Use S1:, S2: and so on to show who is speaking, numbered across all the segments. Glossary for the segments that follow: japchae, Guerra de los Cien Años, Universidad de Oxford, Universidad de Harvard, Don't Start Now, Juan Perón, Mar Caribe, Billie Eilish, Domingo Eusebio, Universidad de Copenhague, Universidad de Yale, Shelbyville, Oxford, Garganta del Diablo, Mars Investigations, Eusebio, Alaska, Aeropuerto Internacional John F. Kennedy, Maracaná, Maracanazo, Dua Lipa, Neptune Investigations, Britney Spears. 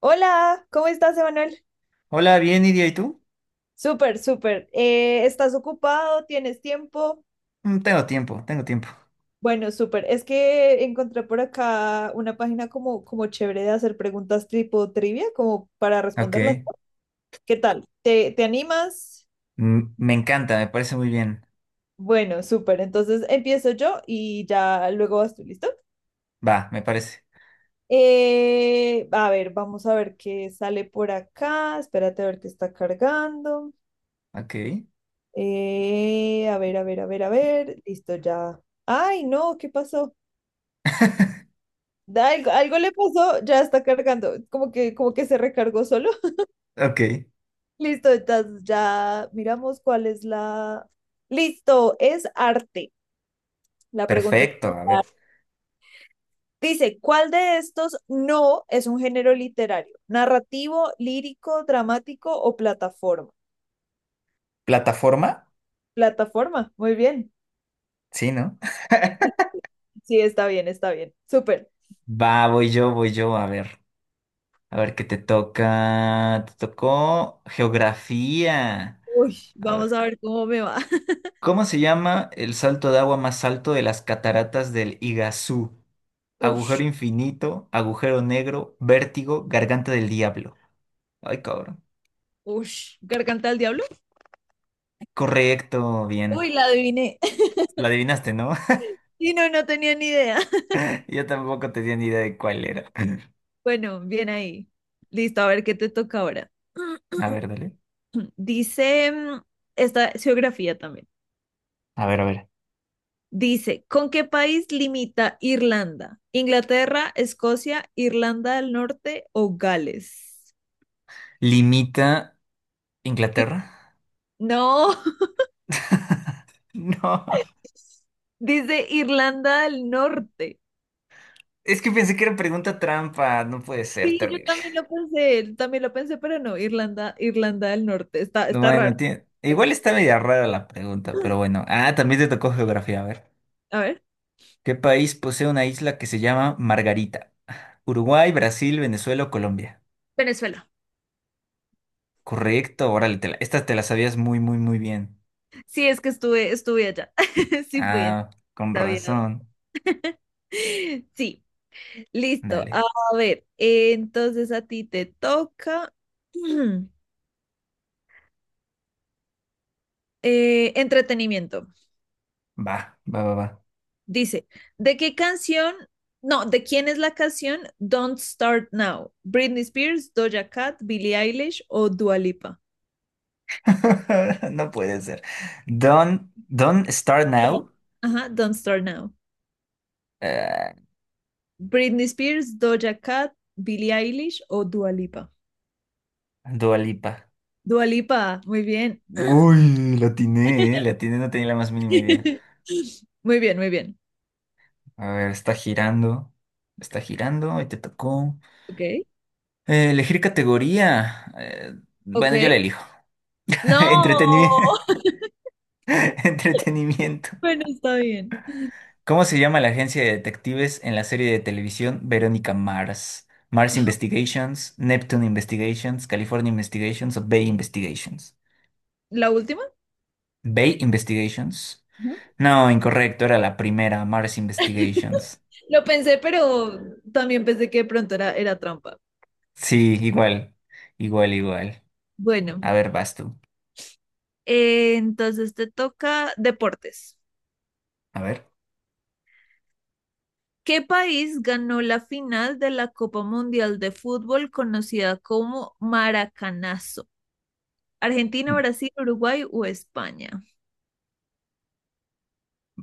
S1: Hola, ¿cómo estás, Emanuel?
S2: Hola, bien, Iria, ¿y tú?
S1: Súper, súper. ¿Estás ocupado? ¿Tienes tiempo?
S2: Mm, tengo tiempo, tengo tiempo.
S1: Bueno, súper. Es que encontré por acá una página como chévere de hacer preguntas tipo trivia, como para responderlas.
S2: Ok.
S1: ¿Qué tal? ¿Te animas?
S2: Me encanta, me parece muy bien.
S1: Bueno, súper. Entonces empiezo yo y ya luego vas tú, ¿listo?
S2: Va, me parece.
S1: A ver, vamos a ver qué sale por acá. Espérate a ver qué está cargando.
S2: Ok.
S1: A ver, a ver, a ver, a ver. Listo, ya. Ay, no, ¿qué pasó? Algo le pasó, ya está cargando. Como que se recargó solo.
S2: Ok.
S1: Listo, entonces ya miramos cuál es la. Listo, es arte. La pregunta es
S2: Perfecto, a ver.
S1: arte. Dice, ¿cuál de estos no es un género literario? ¿Narrativo, lírico, dramático o plataforma?
S2: ¿Plataforma?
S1: Plataforma, muy bien.
S2: Sí, ¿no?
S1: Sí, está bien, está bien. Súper.
S2: Va, voy yo, a ver. A ver qué te toca. Te tocó geografía.
S1: Uy,
S2: A ver.
S1: vamos a ver cómo me va.
S2: ¿Cómo se llama el salto de agua más alto de las cataratas del Iguazú? Agujero
S1: Uf.
S2: infinito, agujero negro, vértigo, garganta del diablo. Ay, cabrón.
S1: Ush, ¿Garganta del Diablo?
S2: Correcto,
S1: Uy,
S2: bien.
S1: la adiviné.
S2: La adivinaste, ¿no?
S1: Sí, no, no tenía ni idea.
S2: Yo tampoco tenía ni idea de cuál era.
S1: Bueno, bien ahí. Listo, a ver qué te toca ahora.
S2: A ver, dale.
S1: Dice, esta es geografía también.
S2: A ver, a ver.
S1: Dice, ¿con qué país limita Irlanda? ¿Inglaterra, Escocia, Irlanda del Norte o Gales?
S2: ¿Limita
S1: Ir-
S2: Inglaterra?
S1: No,
S2: No.
S1: dice Irlanda del Norte.
S2: Es que pensé que era pregunta trampa. No puede ser,
S1: Sí, yo
S2: terrible.
S1: también lo pensé, pero no, Irlanda, Irlanda del Norte, está, está
S2: Bueno,
S1: raro.
S2: igual
S1: Eso.
S2: está media rara la pregunta, pero bueno. Ah, también te tocó geografía. A ver.
S1: A ver,
S2: ¿Qué país posee una isla que se llama Margarita? Uruguay, Brasil, Venezuela o Colombia.
S1: Venezuela.
S2: Correcto, órale, esta te la sabías muy, muy, muy bien.
S1: Sí, es que estuve, estuve allá. Sí, fui,
S2: Ah,
S1: entonces
S2: con
S1: sabía.
S2: razón.
S1: Sí, listo. A
S2: Dale.
S1: ver, entonces a ti te toca entretenimiento.
S2: Va, va, va, va.
S1: Dice, ¿de qué canción? No, ¿de quién es la canción Don't Start Now? ¿Britney Spears, Doja Cat, Billie Eilish o Dua Lipa?
S2: No puede ser. Don, Don Start Now,
S1: Ajá, Don't Start Now.
S2: eh,
S1: Britney Spears, Doja Cat, Billie Eilish o Dua Lipa.
S2: Dua Lipa.
S1: Dua Lipa, muy bien.
S2: Uy, la atiné, no tenía la más mínima idea.
S1: Muy bien, muy bien.
S2: A ver, está girando y te tocó.
S1: Ok,
S2: Elegir categoría. Bueno, yo la
S1: ok.
S2: elijo.
S1: No,
S2: Entretenimiento. Entretenimiento.
S1: bueno, está bien.
S2: ¿Cómo se llama la agencia de detectives en la serie de televisión Verónica Mars? Mars Investigations, Neptune Investigations, California Investigations o Bay Investigations.
S1: ¿La última?
S2: Bay Investigations.
S1: Ajá.
S2: No, incorrecto, era la primera, Mars Investigations.
S1: Lo pensé, pero también pensé que de pronto era trampa.
S2: Sí, igual, igual, igual.
S1: Bueno,
S2: A ver, vas tú.
S1: entonces te toca deportes.
S2: A ver.
S1: ¿Qué país ganó la final de la Copa Mundial de Fútbol conocida como Maracanazo? Argentina,
S2: M-
S1: Brasil, Uruguay o España.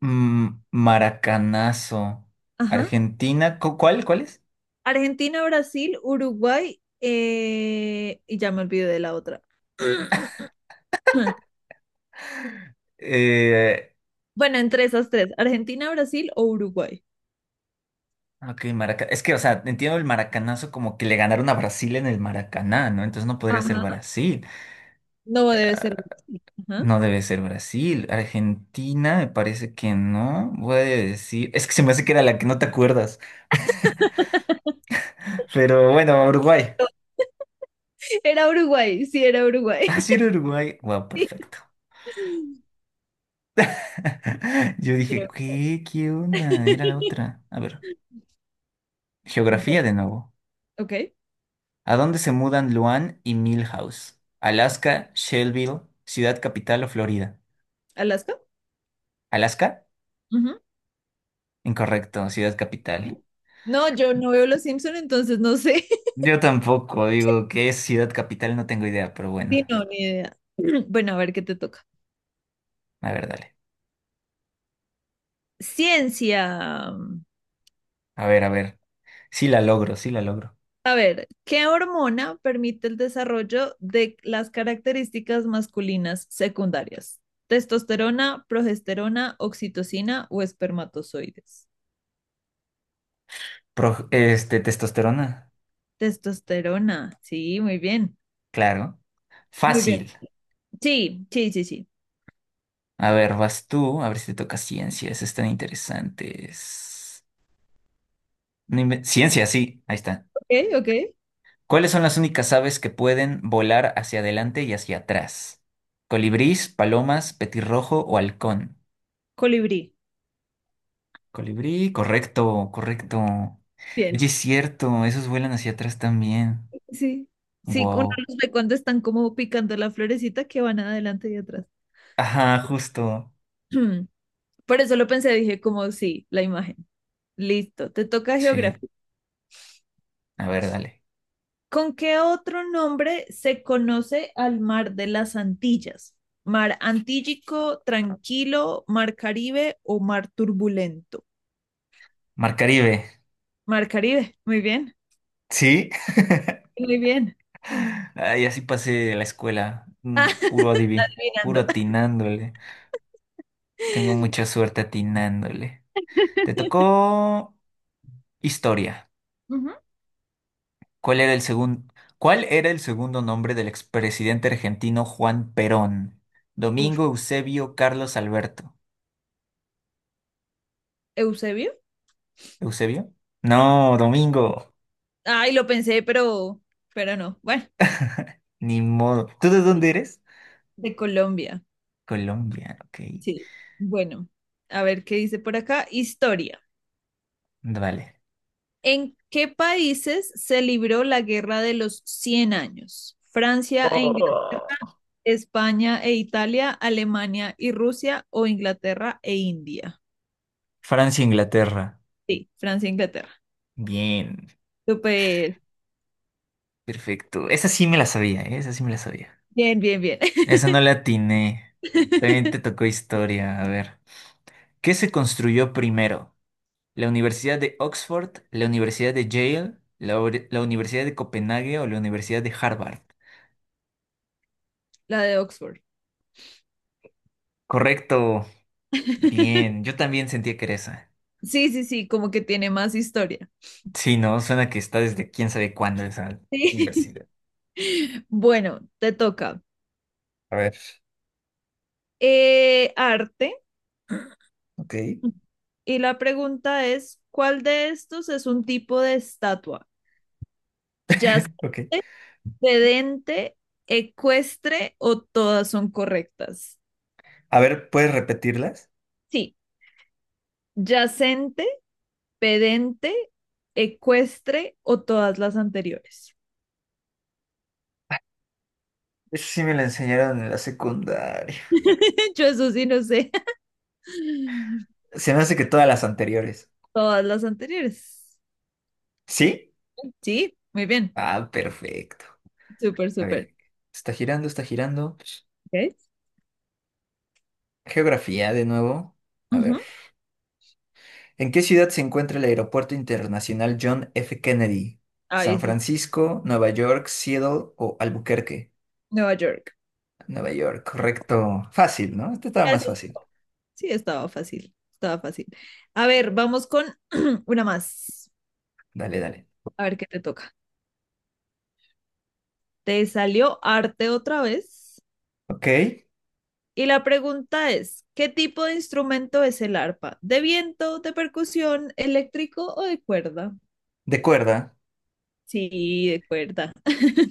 S2: Maracanazo.
S1: Ajá.
S2: Argentina, ¿cuál? ¿Cuál es?
S1: Argentina, Brasil, Uruguay y ya me olvidé de la otra.
S2: Eh,
S1: Bueno, entre esas tres, Argentina, Brasil o Uruguay.
S2: Ah, ok, es que, o sea, entiendo el maracanazo como que le ganaron a Brasil en el Maracaná, ¿no? Entonces no podría ser
S1: Ajá.
S2: Brasil.
S1: No debe
S2: Eh,
S1: ser. Brasil. Ajá.
S2: No debe ser Brasil. Argentina, me parece que no. Voy a decir. Es que se me hace que era la que no te acuerdas. Pero bueno, Uruguay.
S1: Era Uruguay, sí, era Uruguay.
S2: Ah, sí, era Uruguay. Wow, perfecto. Yo dije,
S1: Pero-
S2: ¿qué? ¿Qué onda? Era la otra. A ver. Geografía de nuevo.
S1: Ok,
S2: ¿A dónde se mudan Luan y Milhouse? ¿Alaska, Shelbyville, Ciudad Capital o Florida?
S1: Alaska.
S2: ¿Alaska?
S1: Ujú.
S2: Incorrecto, ciudad capital.
S1: No, yo no veo Los Simpson, entonces no sé.
S2: Yo tampoco, digo, ¿qué es ciudad capital? No tengo idea, pero bueno,
S1: Sí, no, ni idea. Bueno, a ver qué te toca.
S2: a ver, dale.
S1: Ciencia.
S2: A ver, a ver. Sí la logro, sí la logro.
S1: A ver, ¿qué hormona permite el desarrollo de las características masculinas secundarias? ¿Testosterona, progesterona, oxitocina o espermatozoides?
S2: Testosterona,
S1: Testosterona. Sí, muy bien.
S2: claro.
S1: Muy bien.
S2: Fácil.
S1: Sí, sí, sí, sí.
S2: A ver, vas tú, a ver si te toca ciencias, están interesantes. No inven- Ciencia, sí, ahí está.
S1: Ok, ok.
S2: ¿Cuáles son las únicas aves que pueden volar hacia adelante y hacia atrás? ¿Colibrís, palomas, petirrojo o halcón?
S1: Colibrí.
S2: Colibrí, correcto, correcto. Oye,
S1: Bien.
S2: es cierto, esos vuelan hacia atrás también.
S1: Sí, sí, uno
S2: Wow.
S1: los ve cuando están como picando la florecita que van adelante y atrás.
S2: Ajá, justo.
S1: Por eso lo pensé, dije como sí, la imagen. Listo, te toca
S2: Sí,
S1: geografía.
S2: a ver, dale.
S1: ¿Con qué otro nombre se conoce al mar de las Antillas? ¿Mar Antillico, Tranquilo, Mar Caribe o Mar Turbulento?
S2: Mar Caribe,
S1: Mar Caribe, muy bien,
S2: ¿sí?
S1: muy bien.
S2: Ay, así pasé la escuela.
S1: Ah,
S2: Puro puro
S1: adivinando.
S2: atinándole. Tengo mucha suerte atinándole. Te tocó historia.
S1: Ujú.
S2: ¿Cuál era el segundo, ¿cuál era el segundo nombre del expresidente argentino Juan Perón?
S1: Ush,
S2: Domingo Eusebio Carlos Alberto.
S1: Eusebio.
S2: ¿Eusebio? No, Domingo.
S1: Ay, lo pensé, pero no. Bueno,
S2: Ni modo. ¿Tú de dónde eres?
S1: de Colombia.
S2: Colombia, ok.
S1: Sí. Bueno, a ver qué dice por acá. Historia.
S2: Vale.
S1: ¿En qué países se libró la Guerra de los Cien años? ¿Francia e Inglaterra,
S2: Oh.
S1: España e Italia, Alemania y Rusia o Inglaterra e India?
S2: Francia, Inglaterra.
S1: Sí, Francia e Inglaterra.
S2: Bien,
S1: Súper.
S2: perfecto. Esa sí me la sabía, ¿eh? Esa sí me la sabía.
S1: Bien, bien, bien.
S2: Esa no la atiné. También te tocó historia. A ver. ¿Qué se construyó primero? ¿La Universidad de Oxford, la Universidad de Yale, la Universidad de Copenhague o la Universidad de Harvard?
S1: La de Oxford.
S2: Correcto. Bien, yo también sentía que era esa.
S1: Sí, sí, sí, como que tiene más historia.
S2: Sí, no, suena que está desde quién sabe cuándo esa
S1: Sí.
S2: universidad.
S1: Bueno, te toca.
S2: A ver,
S1: Arte.
S2: ok,
S1: Y la pregunta es, ¿cuál de estos es un tipo de estatua? ¿Yacente,
S2: ok.
S1: sedente, ecuestre o todas son correctas?
S2: A ver, ¿puedes repetirlas?
S1: Sí, yacente, pedente, ecuestre o todas las anteriores.
S2: Eso sí me la enseñaron en la secundaria.
S1: Yo eso sí no sé.
S2: Se me hace que todas las anteriores.
S1: Todas las anteriores.
S2: ¿Sí?
S1: Sí, muy bien.
S2: Ah, perfecto.
S1: Súper,
S2: A
S1: súper.
S2: ver, está girando, está girando.
S1: ¿Ok?
S2: Geografía de nuevo. A ver.
S1: Ujú.
S2: ¿En qué ciudad se encuentra el Aeropuerto Internacional John F. Kennedy?
S1: Ahí
S2: ¿San
S1: eso es
S2: Francisco, Nueva York, Seattle o Albuquerque?
S1: Nueva York.
S2: Nueva York, correcto. Fácil, ¿no? Este estaba más
S1: Gracias.
S2: fácil.
S1: Sí, estaba fácil, estaba fácil. A ver, vamos con una más.
S2: Dale, dale.
S1: A ver qué te toca. Te salió arte otra vez.
S2: Ok,
S1: Y la pregunta es, ¿qué tipo de instrumento es el arpa? ¿De viento, de percusión, eléctrico o de cuerda?
S2: de cuerda.
S1: Sí, de cuerda.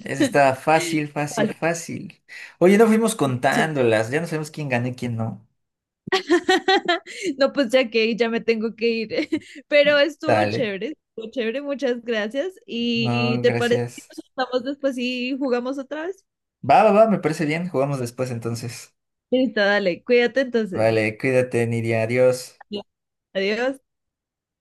S2: Esa está fácil, fácil,
S1: Vale,
S2: fácil. Oye, no fuimos
S1: sí.
S2: contándolas, ya no sabemos quién gana y quién no.
S1: No, pues ya que ya me tengo que ir. Pero
S2: Dale.
S1: estuvo chévere, muchas gracias. ¿Y
S2: No,
S1: te parece que
S2: gracias.
S1: nos estamos después y jugamos otra vez?
S2: Va, va, va, me parece bien. Jugamos después entonces.
S1: Listo, dale, cuídate entonces.
S2: Vale, cuídate, Nidia. Adiós.
S1: Adiós.